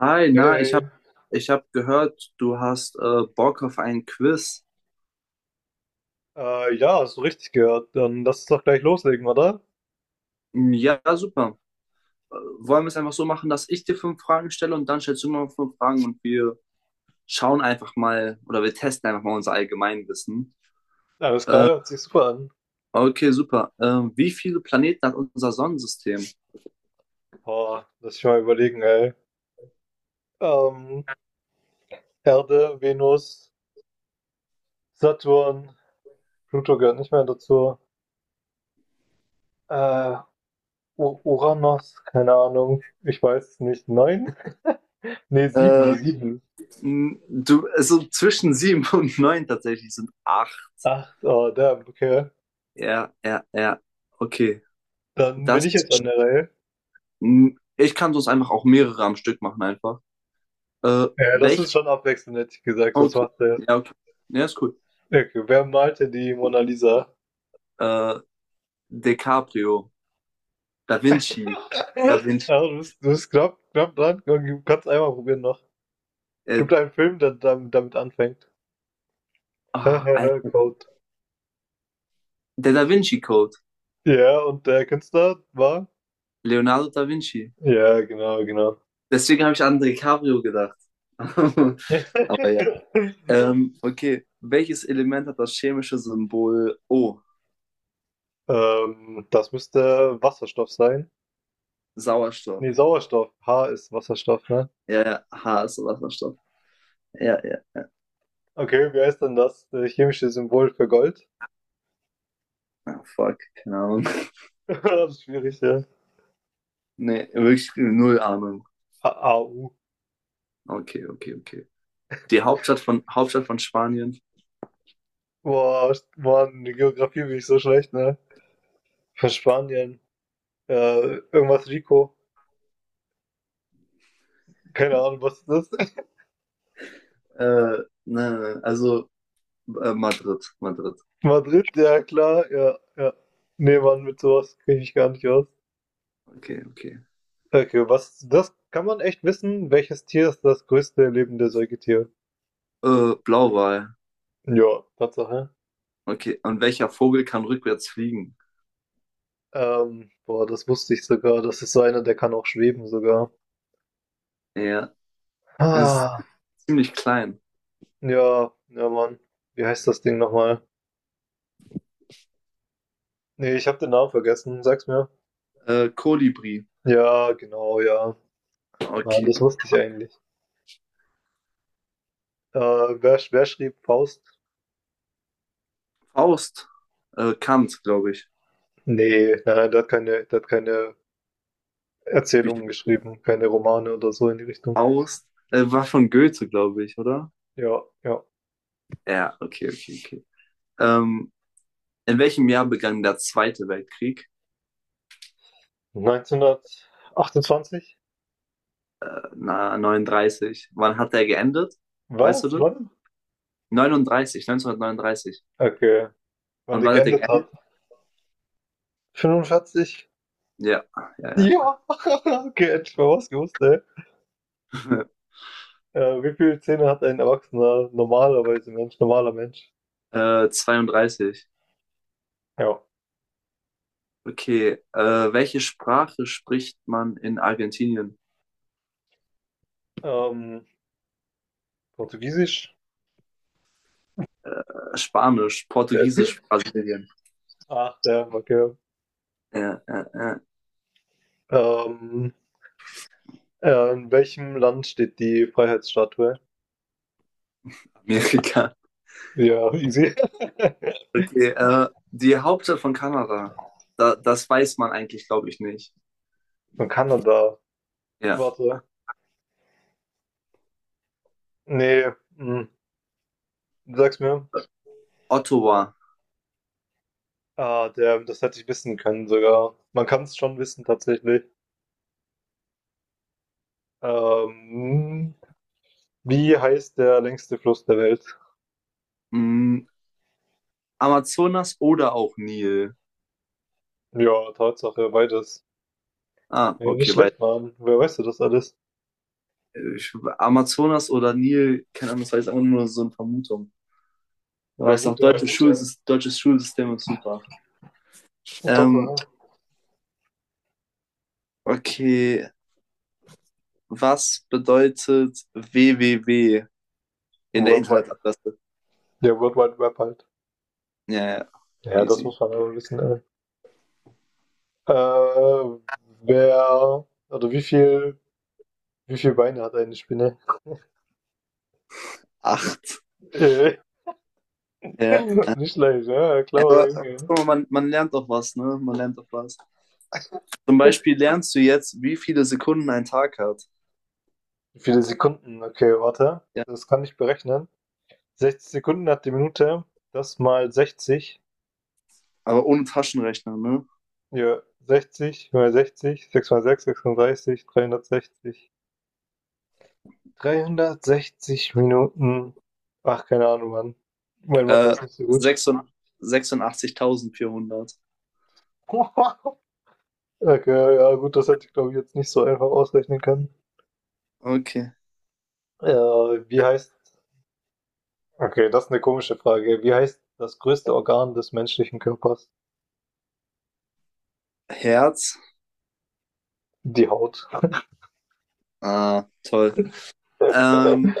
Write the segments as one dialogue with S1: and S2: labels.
S1: Hi,
S2: Hey,
S1: na, ich habe
S2: hey.
S1: ich hab gehört, du hast Bock auf ein Quiz.
S2: Ja, hast du richtig gehört. Dann lass uns doch gleich loslegen, oder?
S1: Hm, ja, super. Wollen wir es einfach so machen, dass ich dir fünf Fragen stelle und dann stellst du mir fünf Fragen und wir schauen einfach mal oder wir testen einfach mal unser Allgemeinwissen?
S2: Alles klar, hört sich super an.
S1: Okay, super. Wie viele Planeten hat unser Sonnensystem?
S2: Boah, lass ich mal überlegen, ey. Ähm, Erde, Venus, Saturn, Pluto gehört nicht mehr dazu. Äh, U Uranus, keine Ahnung. Ich weiß es nicht. Neun? Nee, sieben,
S1: Äh,
S2: sieben.
S1: Du, also zwischen sieben und neun tatsächlich sind acht.
S2: Acht, oh, damn, okay.
S1: Ja, ja, ja. Okay.
S2: Dann bin
S1: Das,
S2: ich jetzt an der Reihe.
S1: Ich kann sonst einfach auch mehrere am Stück machen einfach.
S2: Ja, das
S1: Welche
S2: ist schon abwechseln, hätte ich gesagt, sonst
S1: okay.
S2: macht der.
S1: Ja, okay. Ja, ist cool.
S2: Okay, wer malte die Mona Lisa?
S1: Äh, DiCaprio, Da Vinci, Da Vinci,
S2: Ja, du bist knapp, knapp dran. Du kannst einmal probieren noch.
S1: äh,
S2: Gibt einen Film, der damit anfängt.
S1: ah, Alter.
S2: Code.
S1: Der Da Vinci Code,
S2: Ja, und der Künstler war?
S1: Leonardo da Vinci.
S2: Ja, genau, genau.
S1: Deswegen habe ich an DiCaprio gedacht. Aber ja. Okay. Welches Element hat das chemische Symbol O?
S2: Das müsste Wasserstoff sein. Nee,
S1: Sauerstoff.
S2: Sauerstoff. H ist Wasserstoff, ne?
S1: Ja, ja. H ist Wasserstoff. Ja, ja.
S2: Okay, wie heißt denn das? Chemische Symbol für Gold?
S1: Ah, fuck. Keine Ahnung.
S2: Das ist schwierig, ja.
S1: Nee, wirklich null Ahnung.
S2: AU.
S1: Okay, okay, okay. Hauptstadt von Spanien?
S2: Boah, Mann, die Geografie bin ich so schlecht, ne? Von Spanien. Irgendwas Rico. Keine Ahnung, was ist das.
S1: Äh, nein, nein, nein. Also. Madrid, Madrid.
S2: Madrid, ja klar, ja, ja. Nee, Mann, mit sowas kriege ich gar nicht aus.
S1: Okay, okay.
S2: Okay, was, das kann man echt wissen, welches Tier ist das größte lebende Säugetier?
S1: Blauwal.
S2: Ja, Tatsache.
S1: Okay. Und welcher Vogel kann rückwärts fliegen?
S2: Boah, das wusste ich sogar. Das ist so einer, der kann auch schweben sogar.
S1: Ja, ist
S2: Ah,
S1: ziemlich klein.
S2: ja, ja, Mann. Wie heißt das Ding nochmal? Nee, ich habe den Namen vergessen. Sag's mir.
S1: Kolibri.
S2: Ja, genau, ja. Mann, das
S1: Okay.
S2: wusste ich eigentlich. Äh, wer schrieb Faust?
S1: Faust. Kant, glaube ich.
S2: Nee, nein, der hat keine
S1: Bücher
S2: Erzählungen
S1: geschrieben.
S2: geschrieben, keine Romane oder so in die Richtung.
S1: Faust. War von Goethe, glaube ich, oder?
S2: Ja, ja.
S1: Ja, okay, okay, okay. Ähm, in welchem Jahr begann der Zweite Weltkrieg?
S2: 1928?
S1: Na, 39. Wann hat der geendet? Weißt du
S2: Was?
S1: das?
S2: Wann?
S1: 39, 1939.
S2: Okay. Wann
S1: Und
S2: die
S1: wann hat der
S2: geendet hat?
S1: geendet?
S2: 45?
S1: Ja, ja,
S2: Ja! Okay, hätte ich mal was gewusst, ey.
S1: ja.
S2: Wie viele Zähne hat ein Erwachsener normalerweise Mensch, normaler Mensch?
S1: Zweiunddreißig.
S2: Ja.
S1: Okay. Welche Sprache spricht man in Argentinien?
S2: Ähm, Portugiesisch?
S1: Spanisch, Portugiesisch, Brasilien.
S2: Ach, der, okay.
S1: Ja, ja, ja.
S2: Ähm, in welchem Land steht die Freiheitsstatue?
S1: Amerika.
S2: Ja, easy.
S1: Okay. Die Hauptstadt von Kanada. Da, das weiß man eigentlich, glaube ich, nicht.
S2: Von Kanada.
S1: Ja.
S2: Warte. Nee, du sagst mir.
S1: Ottawa.
S2: Ah, der das hätte ich wissen können sogar. Man kann es schon wissen tatsächlich. Ähm, wie heißt der längste Fluss der Welt?
S1: Mm, Amazonas oder auch Nil.
S2: Ja, Tatsache, beides.
S1: Ah,
S2: Ey, nicht
S1: okay, weil
S2: schlecht, Mann. Wer weiß du das alles?
S1: ich, Amazonas oder Nil, keine Ahnung, das war jetzt einfach nur so eine Vermutung. Weil
S2: War
S1: ich sage,
S2: gut, ja.
S1: deutsches Schulsystem ist super. Ähm,
S2: Tatsache.
S1: okay, was bedeutet www in der
S2: Worldwide.
S1: Internetadresse?
S2: Der World Wide Web halt.
S1: Ja, ja,
S2: Ja, das
S1: easy.
S2: muss man aber wissen, ey. Äh, wer, oder wie viel Beine hat eine Spinne?
S1: Acht.
S2: Äh,
S1: Ja.
S2: nicht leicht, ja, cleverer
S1: Aber
S2: Junge.
S1: man, man lernt doch was, ne? Man lernt doch was. Zum Beispiel lernst du jetzt, wie viele Sekunden ein Tag hat.
S2: Wie viele Sekunden? Okay, warte.
S1: Ja.
S2: Das kann ich berechnen. 60 Sekunden hat die Minute. Das mal 60.
S1: Aber ohne Taschenrechner, ne?
S2: Ja, 60 mal 60, 6 mal 6, 36, 360. 360 Minuten. Ach, keine Ahnung, Mann. Mein Mathe
S1: Äh,
S2: ist nicht so gut.
S1: Sechsundachtzigtausendvierhundert.
S2: Okay, ja, gut, das hätte ich glaube ich jetzt nicht so einfach ausrechnen können.
S1: Okay.
S2: Ja. wie heißt. Okay, das ist eine komische Frage. Wie heißt das größte Organ des menschlichen Körpers?
S1: Herz.
S2: Die Haut.
S1: Ah, toll. Ähm,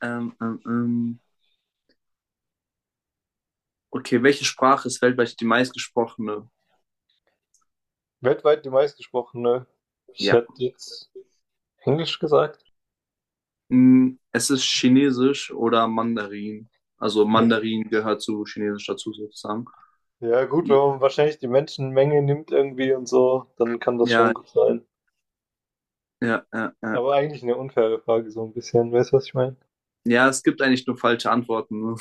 S1: ähm, ähm, ähm. Okay, welche Sprache ist weltweit die meistgesprochene?
S2: Weltweit die meistgesprochene. Ich
S1: Ja.
S2: hätte jetzt Englisch gesagt.
S1: Mm, es ist Chinesisch oder Mandarin. Also
S2: Ja,
S1: Mandarin gehört zu Chinesisch dazu sozusagen.
S2: ja, gut,
S1: Ja,
S2: wenn man wahrscheinlich die Menschenmenge nimmt irgendwie und so, dann kann das schon
S1: ja,
S2: gut sein.
S1: ja, ja. Ja,
S2: Aber eigentlich eine unfaire Frage, so ein bisschen. Weißt du, was ich meine?
S1: ja, es gibt eigentlich nur falsche Antworten. Ne?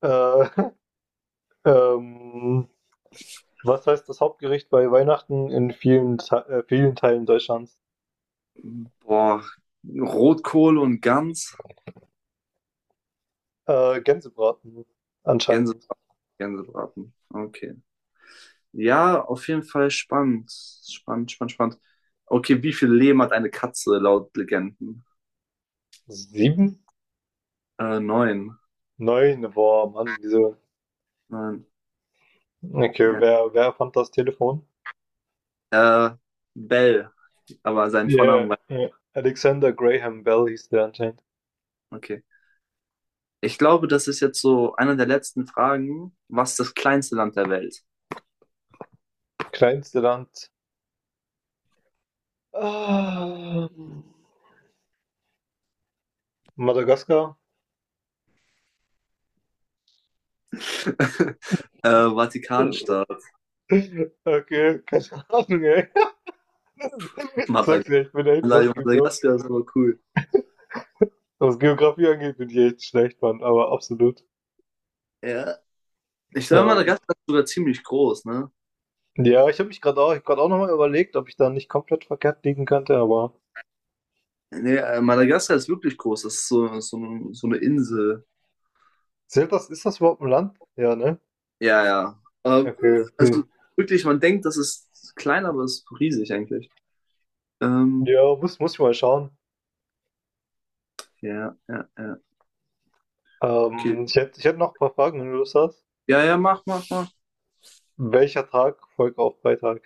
S2: Äh, ähm, was heißt das Hauptgericht bei Weihnachten in vielen Teilen Deutschlands?
S1: Boah, Rotkohl und Gans,
S2: Gänsebraten,
S1: Gänse,
S2: anscheinend.
S1: Gänsebraten. Okay. Ja, auf jeden Fall spannend. Spannend, spannend, spannend. Okay, wie viel Leben hat eine Katze laut Legenden?
S2: Sieben?
S1: Neun.
S2: Neun? Boah, Mann, wieso?
S1: Nein.
S2: Okay,
S1: Ja.
S2: wer fand das Telefon?
S1: Äh, Bell, aber sein
S2: Ja,
S1: Vornamen war.
S2: ja. Alexander Graham Bell hieß der anscheinend.
S1: Okay. Ich glaube, das ist jetzt so eine der letzten Fragen. Was ist das kleinste Land der Welt?
S2: Kleinste Land. Ah, Madagaskar?
S1: äh,
S2: Okay,
S1: Vatikanstaat.
S2: keine Ahnung, ey. Ich sag's dir, ich bin echt, was,
S1: Madagaskar.
S2: Geograf,
S1: Madagaskar ist aber cool.
S2: was Geografie angeht, bin ich echt schlecht, Mann, aber absolut.
S1: Ja. Ich glaube,
S2: Ähm,
S1: Madagaskar ist sogar ziemlich groß, ne?
S2: ja, ich hab grad auch nochmal überlegt, ob ich da nicht komplett verkehrt liegen könnte, aber
S1: Nee, Madagaskar ist wirklich groß. Das ist so, so, so eine Insel.
S2: zählt das, ist das überhaupt ein Land? Ja, ne?
S1: Ja, ja.
S2: Okay.
S1: Also
S2: Hm.
S1: wirklich, man denkt, das ist klein, aber es ist riesig eigentlich. Ähm,
S2: Ja, muss ich mal schauen.
S1: ja, ja, ja. Okay.
S2: Ich hätte noch ein paar Fragen, wenn du Lust hast.
S1: Ja, ja, mach, mach, mach.
S2: Welcher Tag folgt auf Freitag?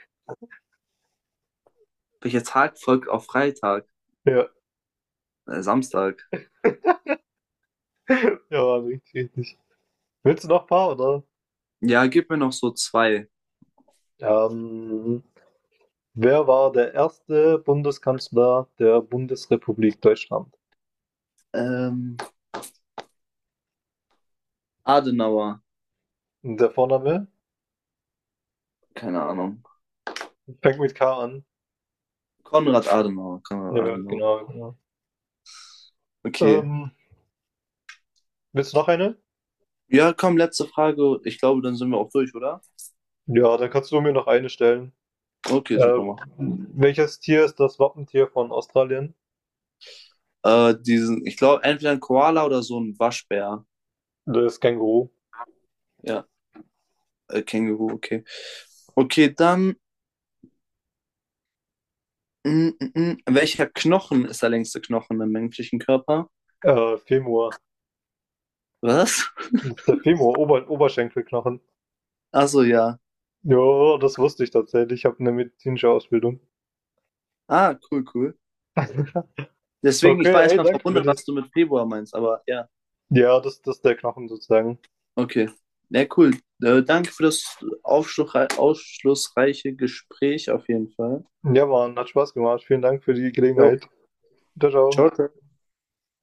S1: Welcher Tag folgt auf Freitag?
S2: Ja,
S1: Samstag.
S2: ja, richtig, richtig. Willst du noch ein paar, oder?
S1: Ja, gib mir noch so zwei.
S2: Ähm, Wer war der erste Bundeskanzler der Bundesrepublik Deutschland?
S1: Ähm, Adenauer,
S2: Der Vorname
S1: keine Ahnung.
S2: fängt mit K an.
S1: Konrad Adenauer, Konrad
S2: Ja,
S1: Adenauer.
S2: genau, genau.
S1: Okay.
S2: Ähm, willst du noch eine?
S1: Ja, komm, letzte Frage. Ich glaube, dann sind wir auch durch, oder?
S2: Ja, dann kannst du mir noch eine stellen.
S1: Okay,
S2: Äh,
S1: super. Mach.
S2: welches Tier ist das Wappentier von Australien?
S1: Diesen, ich glaube, entweder ein Koala oder so ein Waschbär.
S2: Das Känguru.
S1: Ja, Känguru, okay. Okay, dann, mm. welcher Knochen ist der längste Knochen im menschlichen Körper?
S2: Femur.
S1: Was?
S2: Das ist der Femur, Oberschenkelknochen.
S1: Achso, ja.
S2: Ja, das wusste ich tatsächlich. Ich habe eine medizinische Ausbildung.
S1: Ah, cool, cool. Deswegen, ich war
S2: Okay, ey,
S1: erstmal
S2: danke für
S1: verwundert, was
S2: das.
S1: du mit Februar meinst, aber ja.
S2: Ja, das ist der Knochen sozusagen.
S1: Okay. Ja, cool. Danke für das aufschlussreiche Gespräch auf jeden Fall.
S2: Ja, Mann, hat Spaß gemacht. Vielen Dank für die
S1: Jo,
S2: Gelegenheit. Widerau
S1: ciao. Ciao.